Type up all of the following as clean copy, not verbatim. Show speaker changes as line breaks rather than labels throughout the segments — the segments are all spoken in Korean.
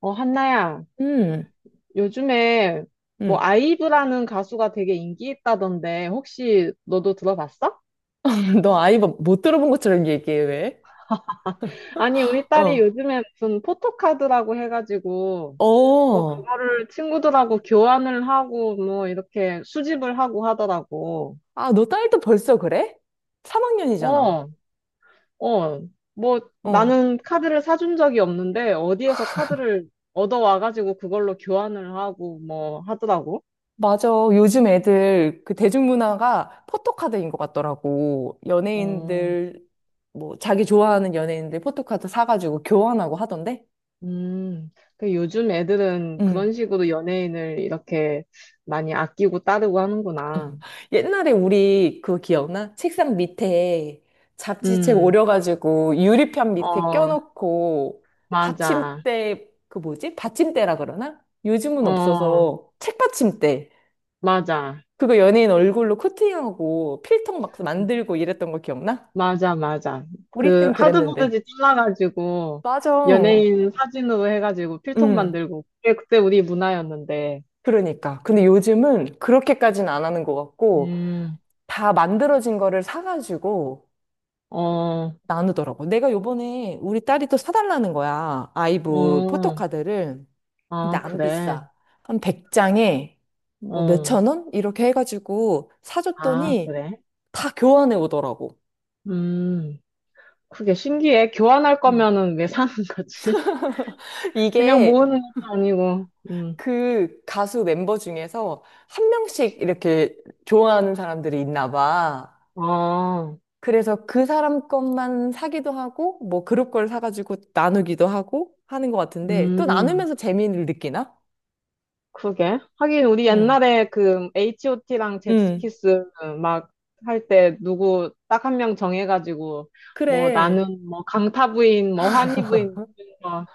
어, 한나야,
음,
요즘에 뭐
음.
아이브라는 가수가 되게 인기 있다던데 혹시 너도 들어봤어?
너 못 들어본 것처럼 얘기해, 왜?
아니, 우리 딸이
어,
요즘에 무슨 포토카드라고 해가지고 뭐
어.
그거를 친구들하고 교환을 하고 뭐 이렇게 수집을 하고 하더라고.
아, 너 딸도 벌써 그래? 3학년이잖아.
어, 어. 뭐
어.
나는 카드를 사준 적이 없는데 어디에서 카드를 얻어와가지고 그걸로 교환을 하고 뭐 하더라고.
맞아. 요즘 애들 그 대중문화가 포토카드인 것 같더라고.
어.
연예인들, 뭐, 자기 좋아하는 연예인들 포토카드 사가지고 교환하고 하던데?
음, 그 요즘 애들은
응.
그런 식으로 연예인을 이렇게 많이 아끼고 따르고 하는구나.
옛날에 우리 그거 기억나? 책상 밑에 잡지책
음,
오려가지고 유리판 밑에
어,
껴놓고
맞아.
받침대, 그 뭐지? 받침대라 그러나? 요즘은
어,
없어서 책받침대.
맞아.
그거 연예인 얼굴로 코팅하고 필통 막 만들고 이랬던 거 기억나?
맞아, 맞아.
우리
그
땐 그랬는데.
하드보드지 잘라가지고
맞아.
연예인 사진으로 해가지고 필통
응.
만들고 그게 그때 우리 문화였는데.
그러니까. 근데 요즘은 그렇게까지는 안 하는 것 같고
음,
다 만들어진 거를 사가지고
어,
나누더라고. 내가 요번에 우리 딸이 또 사달라는 거야. 아이브
어,
포토카드를. 근데
아,
안
그래.
비싸. 한 100장에 뭐
어,
몇천 원? 이렇게 해가지고
아,
사줬더니
그래.
다 교환해 오더라고.
음, 그게 신기해. 교환할
음.
거면은 왜 사는 거지? 그냥
이게
모으는 것도 아니고.
그 가수 멤버 중에서 한 명씩 이렇게 좋아하는 사람들이 있나 봐.
아,
그래서 그 사람 것만 사기도 하고, 뭐 그룹 걸 사가지고 나누기도 하고 하는 것 같은데, 또
음,
나누면서 재미를 느끼나?
그게 하긴, 우리
응.
옛날에 그, H.O.T.랑
응.
잭스키스 막 할 때 누구 딱 한 명 정해가지고, 뭐
그래.
나는 뭐 강타 부인, 뭐 환희 부인, 뭐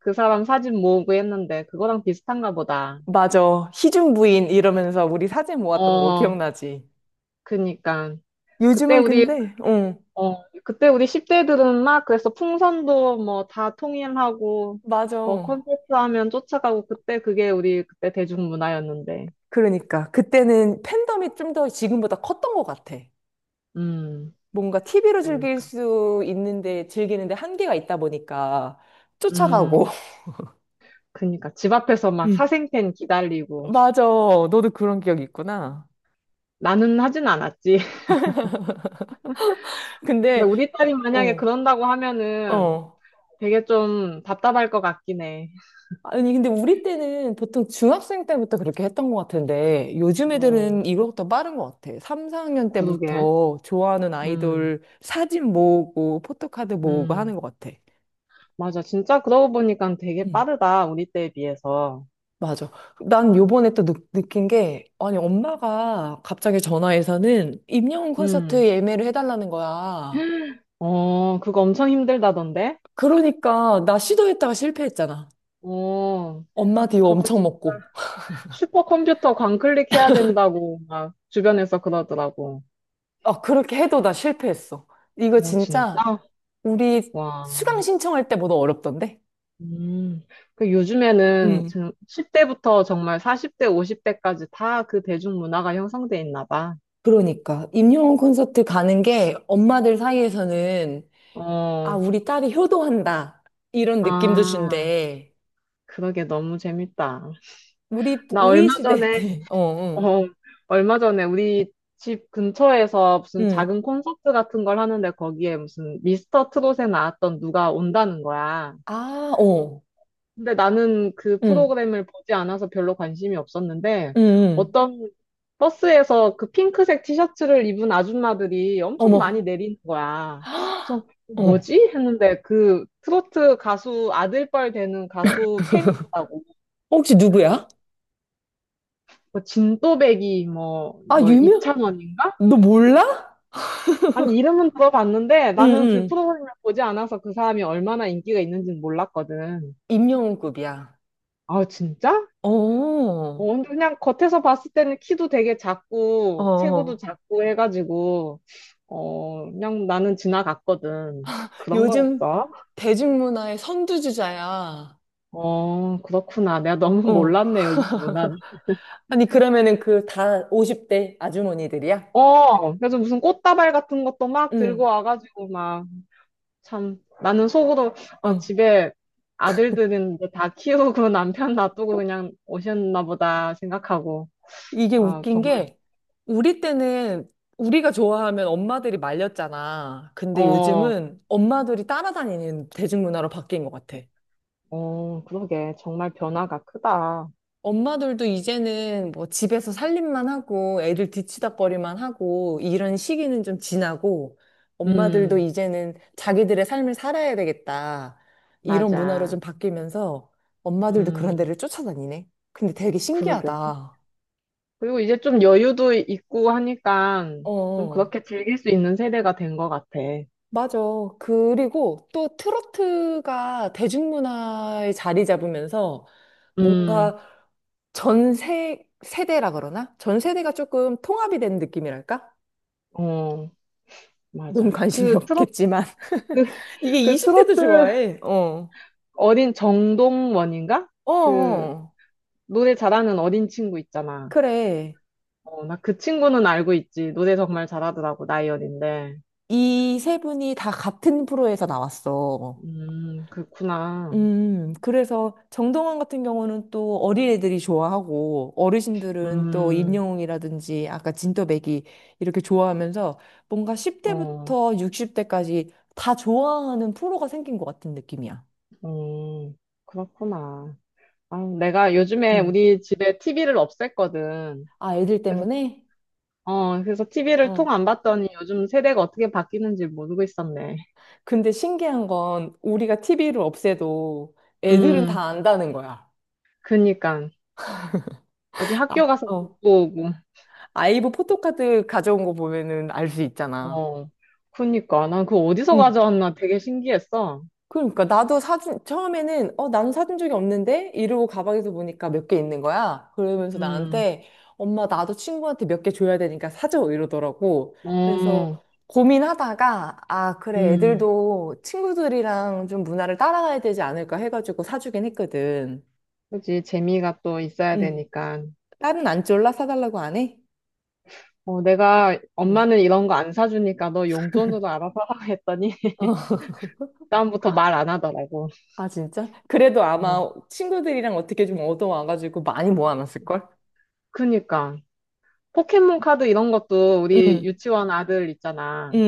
그 사람 사진 모으고 했는데, 그거랑 비슷한가 보다.
맞아. 희준 부인 이러면서 우리 사진 모았던 거
어,
기억나지?
그니까. 그때
요즘은
우리
근데, 응
그때 우리 10대들은 막 그래서 풍선도 뭐 다 통일하고 뭐
맞아.
콘서트 하면 쫓아가고 그때 그게 우리 그때 대중문화였는데.
그러니까. 그때는 팬덤이 좀 더 지금보다 컸던 것 같아.
음,
뭔가 TV로 즐길
그러니까.
수 있는데, 즐기는데 한계가 있다 보니까
음,
쫓아가고.
그러니까 집 앞에서 막
응.
사생팬 기다리고,
맞아. 너도 그런 기억이 있구나.
나는 하진 않았지. 근데
근데,
우리 딸이 만약에
어,
그런다고 하면은
어.
되게 좀 답답할 것 같긴 해.
아니, 근데 우리 때는 보통 중학생 때부터 그렇게 했던 것 같은데, 요즘 애들은
음,
이거보다 빠른 것 같아. 3, 4학년
그러게.
때부터 좋아하는
음,
아이돌 사진 모으고, 포토카드 모으고
음.
하는 것 같아.
맞아. 진짜 그러고 보니까 되게
응,
빠르다. 우리 때에 비해서.
맞아. 난 요번에 또 느낀 게, 아니, 엄마가 갑자기 전화해서는 임영웅
음.
콘서트 예매를 해달라는 거야.
어, 그거 엄청 힘들다던데?
그러니까 나 시도했다가 실패했잖아.
어,
엄마 뒤
그거
엄청
진짜
먹고.
슈퍼컴퓨터 광클릭해야 된다고 막 주변에서 그러더라고.
어, 그렇게 해도 나 실패했어. 이거
어,
진짜
진짜?
우리 수강
와.
신청할 때보다 어렵던데?
음. 그 요즘에는
음.
10대부터 정말 40대, 50대까지 다 그 대중문화가 형성돼 있나 봐.
그러니까 임영웅 콘서트 가는 게 엄마들 사이에서는 아,
어,
우리 딸이 효도한다. 이런 느낌도
아,
준대.
그러게 너무 재밌다.
우리
나
우리
얼마
시대
전에
때. 어, 어
어, 얼마 전에 우리 집 근처에서 무슨
응.
작은 콘서트 같은 걸 하는데 거기에 무슨 미스터 트롯에 나왔던 누가 온다는 거야.
아, 어.
근데 나는 그
응.
프로그램을 보지 않아서 별로 관심이 없었는데
응. 응.
어떤 버스에서 그 핑크색 티셔츠를 입은 아줌마들이 엄청 많이
어머.
내리는 거야.
헉,
그래서
어.
뭐지? 했는데 그 트로트 가수 아들뻘 되는 가수 팬이더라고.
혹시 누구야?
뭐 진또배기 뭐,
아,
뭐
유명?
이찬원인가?
너 몰라?
아니, 이름은 들어봤는데
응,
나는 그
응.
프로그램을 보지 않아서 그 사람이 얼마나 인기가 있는지는 몰랐거든.
임영웅급이야.
아, 진짜?
어,
어, 근데 그냥 겉에서 봤을 때는 키도 되게 작고, 체구도
어.
작고 해가지고, 어, 그냥 나는 지나갔거든. 그런
요즘
거였어?
대중문화의 선두주자야.
어, 그렇구나. 내가 너무
어.
몰랐네, 요즘 문화를.
아니, 그러면은 그 다 50대 아주머니들이야?
어, 그래서 무슨 꽃다발 같은 것도 막 들고
응.
와가지고 막, 참, 나는 속으로, 아,
어.
집에 아들들은 이제 다 키우고 남편 놔두고 그냥 오셨나 보다 생각하고,
이게
아,
웃긴
정말,
게, 우리 때는 우리가 좋아하면 엄마들이 말렸잖아. 근데
어,
요즘은 엄마들이 따라다니는 대중문화로 바뀐 것 같아.
어, 그러게. 정말 변화가 크다.
엄마들도 이제는 뭐 집에서 살림만 하고 애들 뒤치다꺼리만 하고 이런 시기는 좀 지나고 엄마들도
음,
이제는 자기들의 삶을 살아야 되겠다. 이런 문화로 좀
맞아.
바뀌면서 엄마들도 그런
음,
데를 쫓아다니네. 근데 되게
그러게.
신기하다.
그리고 이제 좀 여유도 있고 하니까 좀
어,
그렇게 즐길 수 있는 세대가 된 것 같아.
맞아. 그리고 또 트로트가 대중문화에 자리 잡으면서
음,
뭔가 전 세대라 그러나? 전 세대가 조금 통합이 된 느낌이랄까?
어,
넌
맞아.
관심이
그 트로트,
없겠지만.
그
이게
그
20대도
트로트
좋아해. 어.
어린 정동원인가?
어,
그
어.
노래 잘하는 어린 친구 있잖아.
그래.
어, 나 그 친구는 알고 있지. 노래 정말 잘하더라고, 나이 어린데.
이 세 분이 다 같은 프로에서 나왔어.
그렇구나.
그래서 정동원 같은 경우는 또 어린애들이 좋아하고 어르신들은 또
음,
임영웅이라든지 아까 진또배기 이렇게 좋아하면서 뭔가
어,
10대부터 60대까지 다 좋아하는 프로가 생긴 것 같은 느낌이야.
음, 그렇구나. 아, 내가 요즘에
음.
우리 집에 TV를 없앴거든.
아, 애들
그래서,
때문에?
그래서 TV를 통
어,
안 봤더니 요즘 세대가 어떻게 바뀌는지 모르고 있었네.
근데 신기한 건 우리가 TV를 없애도 애들은
음,
다 안다는 거야.
그니까. 어디 학교
아,
가서
어.
듣고 오고.
아이브 포토카드 가져온 거 보면은 알 수 있잖아.
어, 그니까. 난 그거 어디서
응.
가져왔나 되게 신기했어.
그러니까 나도 사진 처음에는 어 나는 사준 적이 없는데 이러고 가방에서 보니까 몇 개 있는 거야. 그러면서
음,
나한테 엄마 나도 친구한테 몇 개 줘야 되니까 사줘 이러더라고. 그래서
어.
고민하다가 아 그래
음,
애들도 친구들이랑 좀 문화를 따라가야 되지 않을까 해가지고 사주긴 했거든.
그지. 재미가 또 있어야
응.
되니까.
딸은 안 쫄라? 사달라고 안 해?
어, 내가
응
엄마는 이런 거 안 사주니까 너 용돈으로 알아서 하라 했더니
어,
다음부터 말 안 하더라고.
아, 진짜? 그래도
어.
아마 친구들이랑 어떻게 좀 얻어와가지고 많이 모아놨을걸?
그니까. 포켓몬 카드 이런 것도 우리
응,
유치원 아들 있잖아.
응,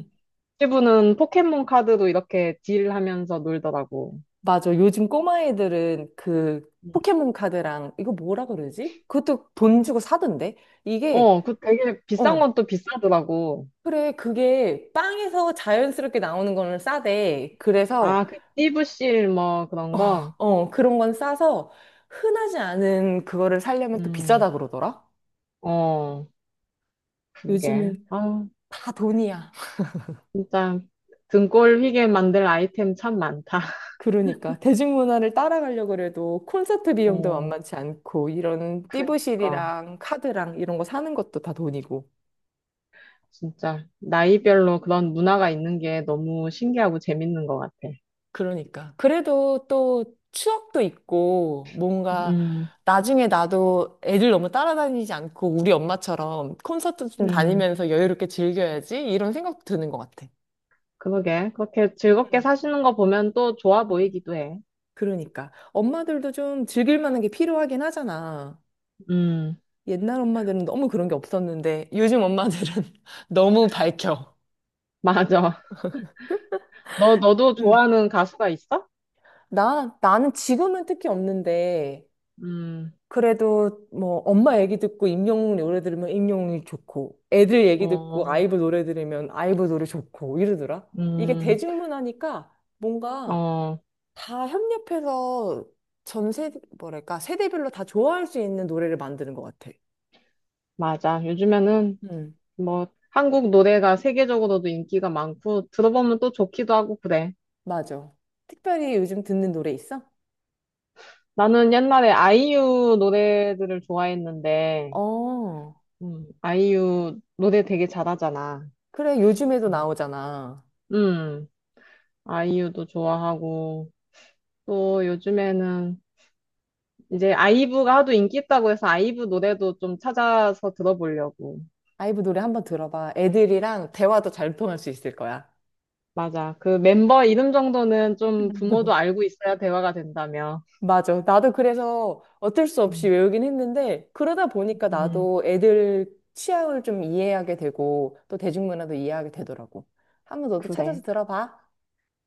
응.
친구는 포켓몬 카드로 이렇게 딜하면서 놀더라고.
맞아. 요즘 꼬마 애들은 그
음.
포켓몬 카드랑 이거 뭐라 그러지? 그것도 돈 주고 사던데? 이게,
어, 그 되게 비싼
어,
건 또 비싸더라고.
그래. 그게 빵에서 자연스럽게 나오는 거는 싸대. 그래서,
아, 그 띠부씰 뭐 그런
어,
거?
어, 그런 건 싸서 흔하지 않은 그거를 사려면 또
음,
비싸다 그러더라?
어, 그게.
요즘은
아,
다 돈이야.
진짜 등골 휘게 만들 아이템 참 많다.
그러니까 대중문화를 따라가려고 그래도 콘서트 비용도
어,
만만치 않고 이런
그러니까
띠부실이랑 카드랑 이런 거 사는 것도 다 돈이고
진짜 나이별로 그런 문화가 있는 게 너무 신기하고 재밌는 것 같아.
그러니까 그래도 또 추억도 있고 뭔가
음,
나중에 나도 애들 너무 따라다니지 않고 우리 엄마처럼 콘서트 좀
음,
다니면서 여유롭게 즐겨야지 이런 생각도 드는 것 같아.
그러게. 그렇게 즐겁게
음,
사시는 거 보면 또 좋아
음.
보이기도 해.
그러니까 엄마들도 좀 즐길 만한 게 필요하긴 하잖아.
음,
옛날 엄마들은 너무 그런 게 없었는데 요즘 엄마들은 너무 밝혀.
맞아. 너도
응.
좋아하는 가수가 있어?
나는 지금은 특히 없는데,
음,
그래도 뭐 엄마 얘기 듣고 임영웅 노래 들으면 임영웅이 좋고, 애들 얘기 듣고
어,
아이브 노래 들으면 아이브 노래 좋고 이러더라. 이게
음,
대중문화니까 뭔가
어,
다 협력해서 전 세대, 뭐랄까, 세대별로 다 좋아할 수 있는 노래를 만드는 것 같아.
맞아. 요즘에는
응,
뭐 한국 노래가 세계적으로도 인기가 많고 들어보면 또 좋기도 하고 그래.
맞아. 특별히 요즘 듣는 노래 있어?
나는 옛날에 아이유 노래들을 좋아했는데,
어.
아이유 노래 되게 잘하잖아.
그래, 요즘에도 나오잖아.
음, 아이유도 좋아하고, 또 요즘에는 이제 아이브가 하도 인기 있다고 해서 아이브 노래도 좀 찾아서 들어보려고.
아이브 노래 한번 들어봐. 애들이랑 대화도 잘 통할 수 있을 거야.
맞아. 그 멤버 이름 정도는 좀 부모도 알고 있어야 대화가 된다며.
맞아. 나도 그래서 어쩔 수 없이
음,
외우긴 했는데, 그러다 보니까
음,
나도 애들 취향을 좀 이해하게 되고, 또 대중문화도 이해하게 되더라고. 한번 너도 찾아서
그래.
들어봐.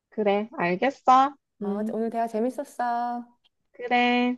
그래. 알겠어.
아,
음,
오늘 대화 재밌었어.
그래.